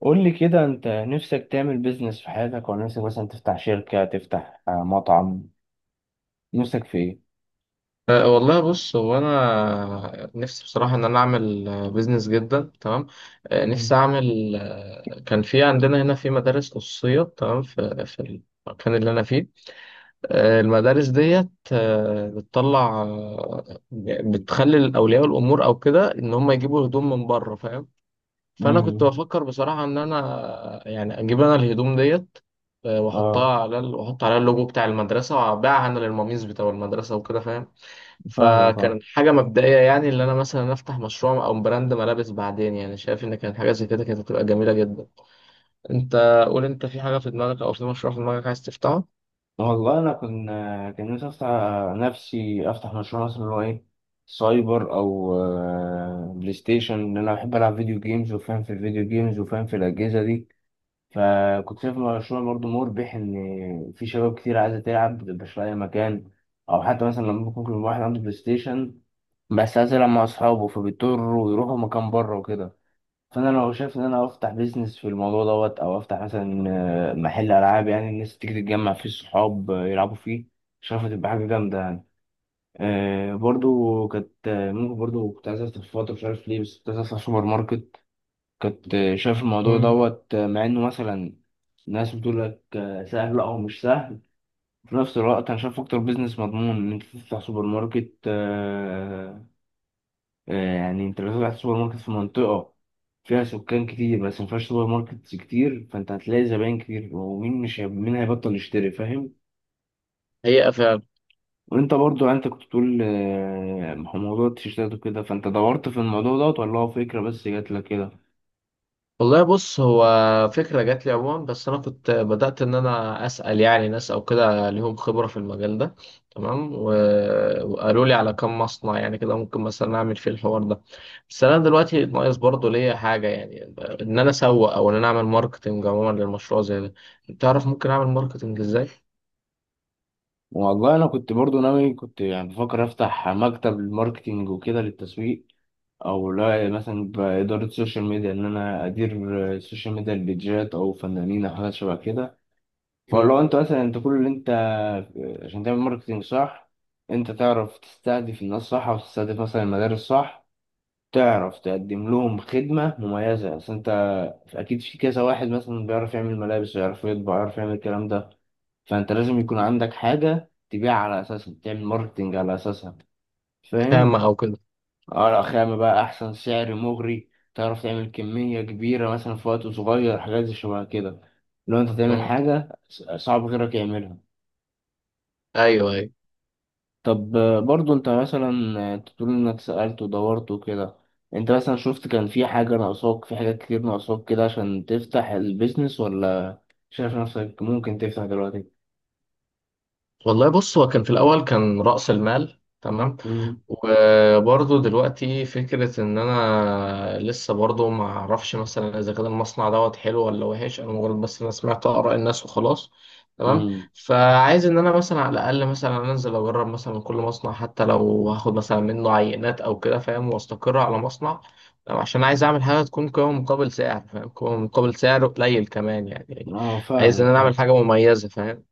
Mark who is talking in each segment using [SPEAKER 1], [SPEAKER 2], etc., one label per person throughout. [SPEAKER 1] قول لي كده، انت نفسك تعمل بيزنس في حياتك، ولا نفسك مثلا تفتح شركة، تفتح مطعم؟ نفسك في ايه؟
[SPEAKER 2] والله بص هو انا نفسي بصراحه ان انا اعمل بيزنس، جدا تمام.
[SPEAKER 1] مم.
[SPEAKER 2] نفسي اعمل. كان في عندنا هنا في مدارس خصوصيه، تمام، في في المكان اللي انا فيه. المدارس ديت بتطلع، بتخلي اولياء الامور او كده ان هم يجيبوا هدوم من بره، فاهم. فانا كنت
[SPEAKER 1] مم.
[SPEAKER 2] بفكر بصراحه ان انا يعني اجيب انا الهدوم ديت،
[SPEAKER 1] اه،
[SPEAKER 2] واحطها على واحط عليها اللوجو بتاع المدرسه وابيعها انا للمميز بتاع المدرسه وكده، فاهم.
[SPEAKER 1] فاهمك، اه.
[SPEAKER 2] فكان حاجة مبدئية، يعني اللي أنا مثلا أفتح مشروع أو براند ملابس بعدين، يعني شايف إن كانت حاجة زي كده كانت هتبقى جميلة جدا. أنت قول، أنت في حاجة في دماغك أو في مشروع في دماغك عايز تفتحه؟
[SPEAKER 1] والله انا كان نفسي افتح مشروع مثلا اللي هو ايه، سايبر او بلاي ستيشن، لان انا بحب العب فيديو جيمز وفاهم في الفيديو جيمز وفاهم في الاجهزة دي. فكنت شايف المشروع برضه مربح، إن في شباب كتير عايزة تلعب مبتبقاش لاقي مكان. أو حتى مثلا لما ممكن يكون واحد عنده بلاي ستيشن بس عايز يلعب مع أصحابه، فبيضطروا يروحوا مكان بره وكده. فأنا لو شايف إن أنا أفتح بيزنس في الموضوع دوت، أو أفتح مثلا محل ألعاب، يعني الناس تيجي تتجمع فيه الصحاب يلعبوا فيه، شايفها تبقى حاجة جامدة يعني. برضو كانت آه، ممكن برضو كنت عايز أفتح في فترة، مش عارف ليه، بس كنت عايز أفتح سوبر ماركت. كنت شايف الموضوع
[SPEAKER 2] مم.
[SPEAKER 1] دوت، مع انه مثلا ناس بتقول لك سهل، لا، هو مش سهل. في نفس الوقت انا شايف اكتر بيزنس مضمون ان انت تفتح سوبر ماركت. يعني انت لو فتحت سوبر ماركت في منطقة فيها سكان كتير بس ما فيهاش سوبر ماركت كتير، فانت هتلاقي زباين كتير، ومين مش مين هيبطل يشتري، فاهم؟
[SPEAKER 2] هي.
[SPEAKER 1] وانت برضو يعني انت كنت بتقول موضوع التيشيرتات وكده، فانت دورت في الموضوع دوت ولا هو فكرة بس جات لك كده؟
[SPEAKER 2] والله بص هو فكرة جات لي عموما، بس أنا كنت بدأت إن أنا أسأل يعني ناس أو كده ليهم خبرة في المجال ده، تمام، وقالوا لي على كم مصنع، يعني كده ممكن مثلا أعمل فيه الحوار ده. بس أنا دلوقتي ناقص برضه ليا حاجة، يعني إن أنا أسوق أو إن أنا أعمل ماركتينج عموما للمشروع زي ده. تعرف ممكن أعمل ماركتينج إزاي؟
[SPEAKER 1] والله انا كنت برضو ناوي، كنت يعني بفكر افتح مكتب ماركتينج وكده للتسويق، او لا مثلا باداره السوشيال ميديا، ان انا ادير السوشيال ميديا، البيجات او فنانين او حاجات شبه كده. فلو
[SPEAKER 2] مم.
[SPEAKER 1] انت مثلا انت كل اللي انت، عشان تعمل ماركتينج صح، انت تعرف تستهدف الناس صح، او تستهدف مثلا المدارس صح، تعرف تقدم لهم خدمه مميزه. اصل انت اكيد في كذا واحد مثلا بيعرف يعمل ملابس ويعرف يطبع ويعرف يعمل الكلام ده، فانت لازم يكون عندك حاجة تبيع على اساسها، تعمل ماركتنج على اساسها، فاهم؟
[SPEAKER 2] خامة أو كده.
[SPEAKER 1] ورق خامة بقى، احسن سعر مغري، تعرف تعمل كمية كبيرة مثلا في وقت صغير، حاجات زي شبه كده. لو انت تعمل
[SPEAKER 2] مم.
[SPEAKER 1] حاجة صعب غيرك يعملها.
[SPEAKER 2] أيوه أيوه.
[SPEAKER 1] طب، برضو انت مثلا تقول انك سألت ودورت وكده، انت مثلا شفت كان في حاجة ناقصاك، في حاجات كتير ناقصاك كده عشان تفتح البيزنس، ولا شايف نفسك ممكن تفتح دلوقتي؟
[SPEAKER 2] والله بص هو كان في الأول كان رأس المال، تمام.
[SPEAKER 1] امم.
[SPEAKER 2] وبرضه دلوقتي فكرة إن أنا لسه برضه ما أعرفش مثلا إذا كان المصنع دوت حلو ولا وحش، أنا مجرد بس أنا سمعت آراء الناس وخلاص، تمام.
[SPEAKER 1] امم.
[SPEAKER 2] فعايز إن أنا مثلا على الأقل مثلا أنزل أجرب مثلا من كل مصنع، حتى لو هاخد مثلا منه عينات أو كده، فاهم، وأستقر على مصنع، تمام؟ عشان عايز أعمل حاجة تكون قيمة مقابل سعر، فاهم، قيمة مقابل سعر قليل كمان، يعني
[SPEAKER 1] اه،
[SPEAKER 2] عايز إن
[SPEAKER 1] فاهمك،
[SPEAKER 2] أنا أعمل
[SPEAKER 1] فاهمك.
[SPEAKER 2] حاجة مميزة، فاهم.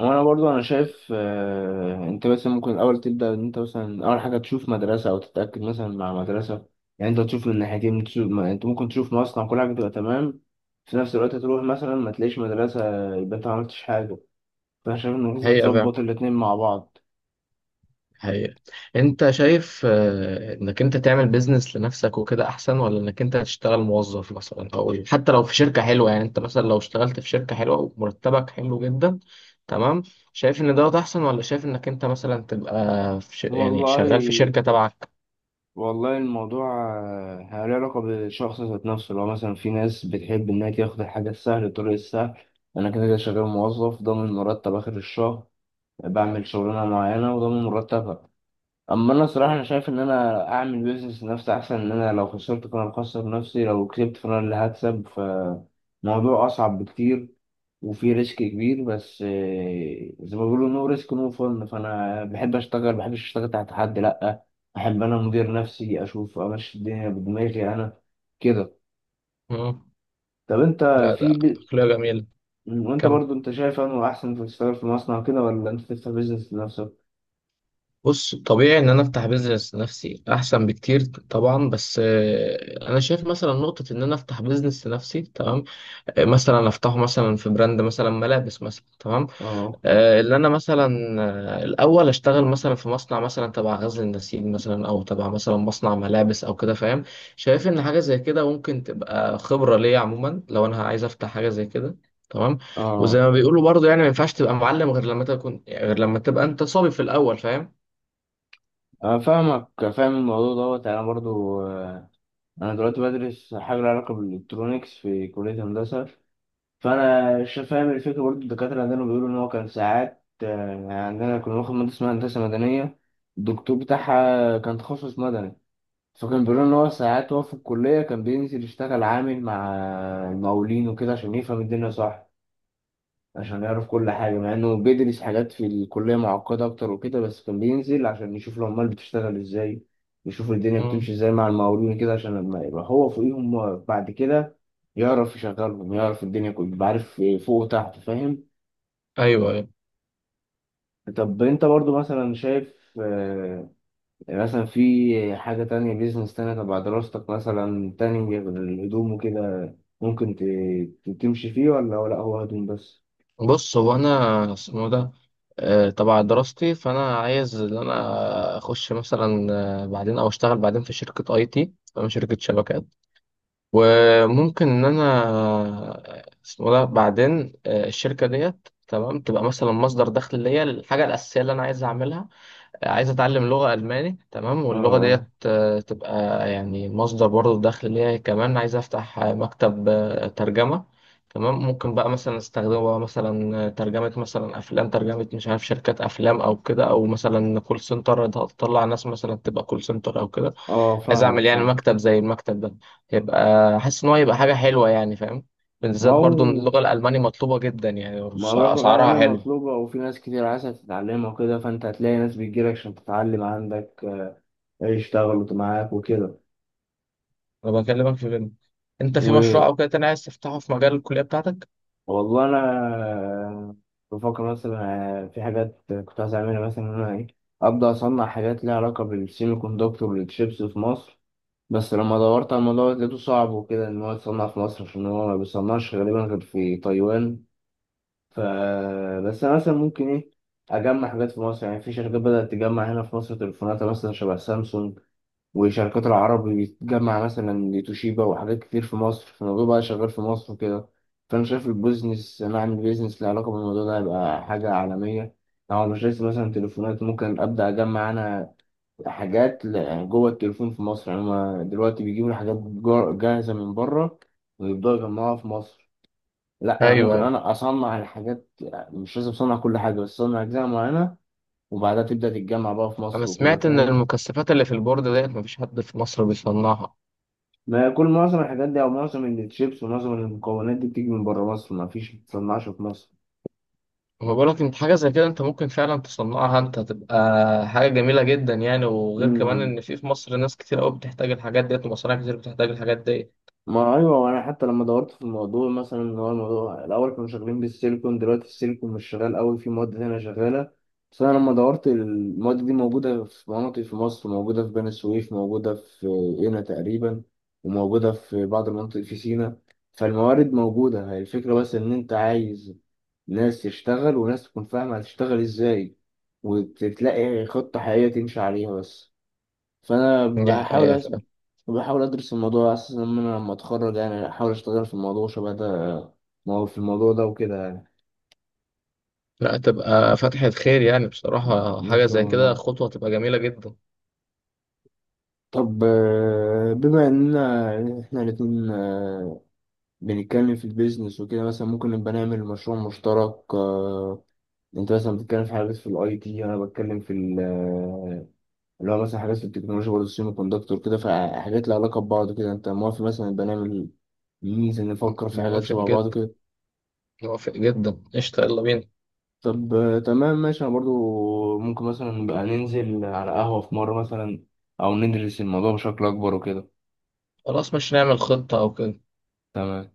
[SPEAKER 1] وانا برضو انا شايف انت مثلا ممكن الاول تبدا، ان انت مثلا اول حاجه تشوف مدرسه، او تتاكد مثلا مع مدرسه. يعني انت تشوف من ناحيتين، تشوف انت ممكن تشوف مصنع كل حاجه تبقى تمام. في نفس الوقت تروح مثلا ما تلاقيش مدرسه، يبقى انت ما عملتش حاجه. فانا شايف انك لازم
[SPEAKER 2] هي
[SPEAKER 1] تظبط الاتنين مع بعض.
[SPEAKER 2] حقيقة. انت شايف انك انت تعمل بيزنس لنفسك وكده احسن، ولا انك انت تشتغل موظف مثلا، او حتى لو في شركة حلوة، يعني انت مثلا لو اشتغلت في شركة حلوة ومرتبك حلو جدا، تمام، شايف ان دوت احسن، ولا شايف انك انت مثلا تبقى في يعني
[SPEAKER 1] والله
[SPEAKER 2] شغال في شركة تبعك؟
[SPEAKER 1] والله الموضوع له علاقه بالشخص ذات نفسه. لو مثلا في ناس بتحب انها تاخد الحاجه السهله، الطريق السهل، انا كده كده شغال موظف ضامن مرتب اخر الشهر، بعمل شغلانه معينه وضامن مرتبها. اما انا صراحه انا شايف ان انا اعمل بيزنس لنفسي احسن، ان انا لو خسرت فانا بخسر نفسي، لو كسبت فانا اللي هكسب، فموضوع اصعب بكتير وفي ريسك كبير، بس زي ما بيقولوا نو ريسك نو فن، فانا بحب اشتغل، بحبش اشتغل تحت حد، لا. احب انا مدير نفسي، اشوف امشي الدنيا بدماغي انا، كده.
[SPEAKER 2] مم.
[SPEAKER 1] طب انت
[SPEAKER 2] لا ده
[SPEAKER 1] في ب...
[SPEAKER 2] عقلية جميلة.
[SPEAKER 1] وانت
[SPEAKER 2] كم
[SPEAKER 1] برضو انت شايف انه احسن في تشتغل في مصنع كده، ولا انت تفتح بيزنس لنفسك؟
[SPEAKER 2] بص طبيعي ان انا افتح بيزنس لنفسي احسن بكتير طبعا، بس انا شايف مثلا نقطة ان انا افتح بيزنس لنفسي، تمام، مثلا افتحه مثلا في براند مثلا ملابس مثلا، تمام.
[SPEAKER 1] اه،
[SPEAKER 2] اللي انا مثلا الاول اشتغل مثلا في مصنع مثلا تبع غزل النسيج مثلا، او تبع مثلا مصنع ملابس او كده، فاهم. شايف ان حاجه زي كده ممكن تبقى خبره ليا عموما لو انا عايز افتح حاجه زي كده، تمام. وزي
[SPEAKER 1] اه.
[SPEAKER 2] ما بيقولوا برضه يعني ما ينفعش تبقى معلم غير لما تبقى انت صبي في الاول، فاهم.
[SPEAKER 1] أنا فاهمك، فاهم الموضوع دوت. أنا برضو أنا دلوقتي بدرس حاجة لها علاقة بالإلكترونيكس في كلية هندسة. فأنا فاهم الفكرة. برضو الدكاترة عندنا بيقولوا إن هو كان ساعات يعني عندنا كنا بناخد مادة اسمها هندسة مدنية، الدكتور بتاعها كان تخصص مدني. فكان بيقولوا إن هو ساعات هو في الكلية كان بينزل يشتغل عامل مع المقاولين وكده، عشان يفهم الدنيا صح، عشان يعرف كل حاجة، مع إنه بيدرس حاجات في الكلية معقدة أكتر وكده، بس كان بينزل عشان يشوف العمال بتشتغل إزاي، يشوف الدنيا
[SPEAKER 2] مم.
[SPEAKER 1] بتمشي إزاي مع المقاولين كده، عشان لما يبقى هو فوقيهم بعد كده يعرف يشغلهم، يعرف الدنيا كلها، يبقى عارف فوق وتحت، فاهم؟
[SPEAKER 2] ايوه أيوه.
[SPEAKER 1] طب أنت برضو مثلا شايف آه، مثلا في حاجة تانية، بيزنس تانية تبع دراستك مثلا تاني، غير الهدوم وكده، ممكن تمشي فيه، ولا هو هدوم بس؟
[SPEAKER 2] بص هو انا اسمه ده تبع دراستي، فانا عايز ان انا اخش مثلا بعدين او اشتغل بعدين في شركه اي تي، فاهم، شركه شبكات. وممكن ان انا اسمه ده بعدين الشركه ديت تمام تبقى مثلا مصدر دخل ليا، الحاجه الاساسيه اللي انا عايز اعملها. عايز اتعلم لغة الماني، تمام، واللغة
[SPEAKER 1] اه،
[SPEAKER 2] ديت تبقى يعني مصدر برضه دخل ليا. كمان عايز افتح مكتب ترجمة، تمام، ممكن بقى مثلا استخدمه بقى مثلا ترجمة مثلا افلام، ترجمة مش عارف شركات افلام او كده، او مثلا كول سنتر، تطلع ناس مثلا تبقى كول سنتر او كده.
[SPEAKER 1] اه،
[SPEAKER 2] عايز
[SPEAKER 1] فاهمك،
[SPEAKER 2] اعمل يعني
[SPEAKER 1] فاهمك.
[SPEAKER 2] مكتب زي المكتب ده، يبقى حاسس ان هو يبقى حاجة حلوة، يعني، فاهم.
[SPEAKER 1] ما
[SPEAKER 2] بالذات برضه ان
[SPEAKER 1] هو
[SPEAKER 2] اللغة الالماني مطلوبة جدا، يعني
[SPEAKER 1] ما هو برضه
[SPEAKER 2] اسعارها
[SPEAKER 1] العملية
[SPEAKER 2] حلوة.
[SPEAKER 1] مطلوبة، وفي ناس كتير عايزة تتعلمها وكده، فأنت هتلاقي ناس بتجيلك عشان تتعلم عندك، يشتغلوا معاك وكده.
[SPEAKER 2] انا بكلمك في فيلم. انت في
[SPEAKER 1] و-
[SPEAKER 2] مشروع او كده تاني عايز تفتحه في مجال الكلية بتاعتك؟
[SPEAKER 1] والله أنا بفكر مثلا في حاجات كنت عايز أعملها، مثلا إن أنا إيه، أبدأ أصنع حاجات ليها علاقة بالسيمي كوندكتور والتشيبس في مصر. بس لما دورت على الموضوع لقيته صعب وكده، إن هو يتصنع في مصر، عشان هو ما بيصنعش غالبا غير في تايوان. ف بس انا مثلا ممكن ايه، اجمع حاجات في مصر. يعني في شركات بدأت تجمع هنا في مصر تليفوناتها، مثلا شبه سامسونج، وشركات العرب بتجمع مثلا توشيبا وحاجات كتير في مصر، فالموضوع بقى شغال في مصر وكده. فانا شايف البيزنس، انا اعمل بيزنس له علاقه بالموضوع ده هيبقى حاجه عالميه. لو مش لسه مثلا تليفونات، ممكن ابدا اجمع انا حاجات، يعني جوه التليفون في مصر، يعني هما دلوقتي بيجيبوا الحاجات جاهزه من بره، ويبداوا يجمعوها في مصر. لا، انا
[SPEAKER 2] ايوه
[SPEAKER 1] ممكن
[SPEAKER 2] ايوه.
[SPEAKER 1] انا اصنع الحاجات، مش لازم اصنع كل حاجه بس اصنع اجزاء معينه، وبعدها تبدا تتجمع بقى في
[SPEAKER 2] انا
[SPEAKER 1] مصر وكده،
[SPEAKER 2] سمعت ان
[SPEAKER 1] فاهم؟
[SPEAKER 2] المكثفات اللي في البورد ديت مفيش حد في مصر بيصنعها.
[SPEAKER 1] ما هي، معظم الحاجات دي او معظم الشيبس ومعظم المكونات دي بتيجي من بره مصر، ما فيش، ما بتصنعش في مصر.
[SPEAKER 2] وما بقولك انت حاجه زي كده انت ممكن فعلا تصنعها، انت هتبقى حاجه جميله جدا يعني. وغير كمان
[SPEAKER 1] مم.
[SPEAKER 2] ان في في مصر ناس كتير قوي بتحتاج الحاجات ديت، ومصانع كتير بتحتاج الحاجات ديت.
[SPEAKER 1] ما ايوه، وانا حتى لما دورت في الموضوع مثلا، ان هو الموضوع الاول كانوا شغالين بالسيليكون، دلوقتي السيليكون مش شغال قوي، في مواد تانية شغاله. بس انا لما دورت المواد دي موجوده في مناطق في مصر، موجوده في بني سويف، موجوده في قنا تقريبا، وموجوده في بعض المناطق في سيناء. فالموارد موجوده، هي الفكره بس ان انت عايز ناس تشتغل، وناس تكون فاهمه هتشتغل ازاي، وتلاقي خطه حقيقيه تمشي عليها بس. فانا
[SPEAKER 2] دي
[SPEAKER 1] بحاول
[SPEAKER 2] حقيقة فعلا.
[SPEAKER 1] بحاول ادرس الموضوع على اساس، ان انا لما اتخرج يعني احاول اشتغل في الموضوع شبه ده، ما هو في الموضوع ده وكده يعني.
[SPEAKER 2] لا تبقى فتحة خير، يعني بصراحة
[SPEAKER 1] ان
[SPEAKER 2] حاجة
[SPEAKER 1] شاء
[SPEAKER 2] زي كده
[SPEAKER 1] الله.
[SPEAKER 2] خطوة تبقى جميلة جدا.
[SPEAKER 1] طب، بما اننا احنا الاتنين بنتكلم في البيزنس وكده، مثلا ممكن نبقى نعمل مشروع مشترك. انت مثلا بتتكلم في حاجات في الاي تي، انا بتكلم في اللي هو مثلا حاجات في التكنولوجيا، برضه السيمي كوندكتور كده، فحاجات لها علاقة ببعض كده، انت موافق مثلا نبقى نعمل ميزة، نفكر في حاجات
[SPEAKER 2] موافق
[SPEAKER 1] شبه
[SPEAKER 2] جدا،
[SPEAKER 1] بعض كده؟
[SPEAKER 2] موافق جدا، قشطة، يلا بينا.
[SPEAKER 1] طب، تمام ماشي، انا برضو ممكن مثلا بقى ننزل على قهوة في مرة مثلا، او ندرس الموضوع بشكل اكبر وكده،
[SPEAKER 2] خلاص، مش نعمل خطة أو كده.
[SPEAKER 1] تمام.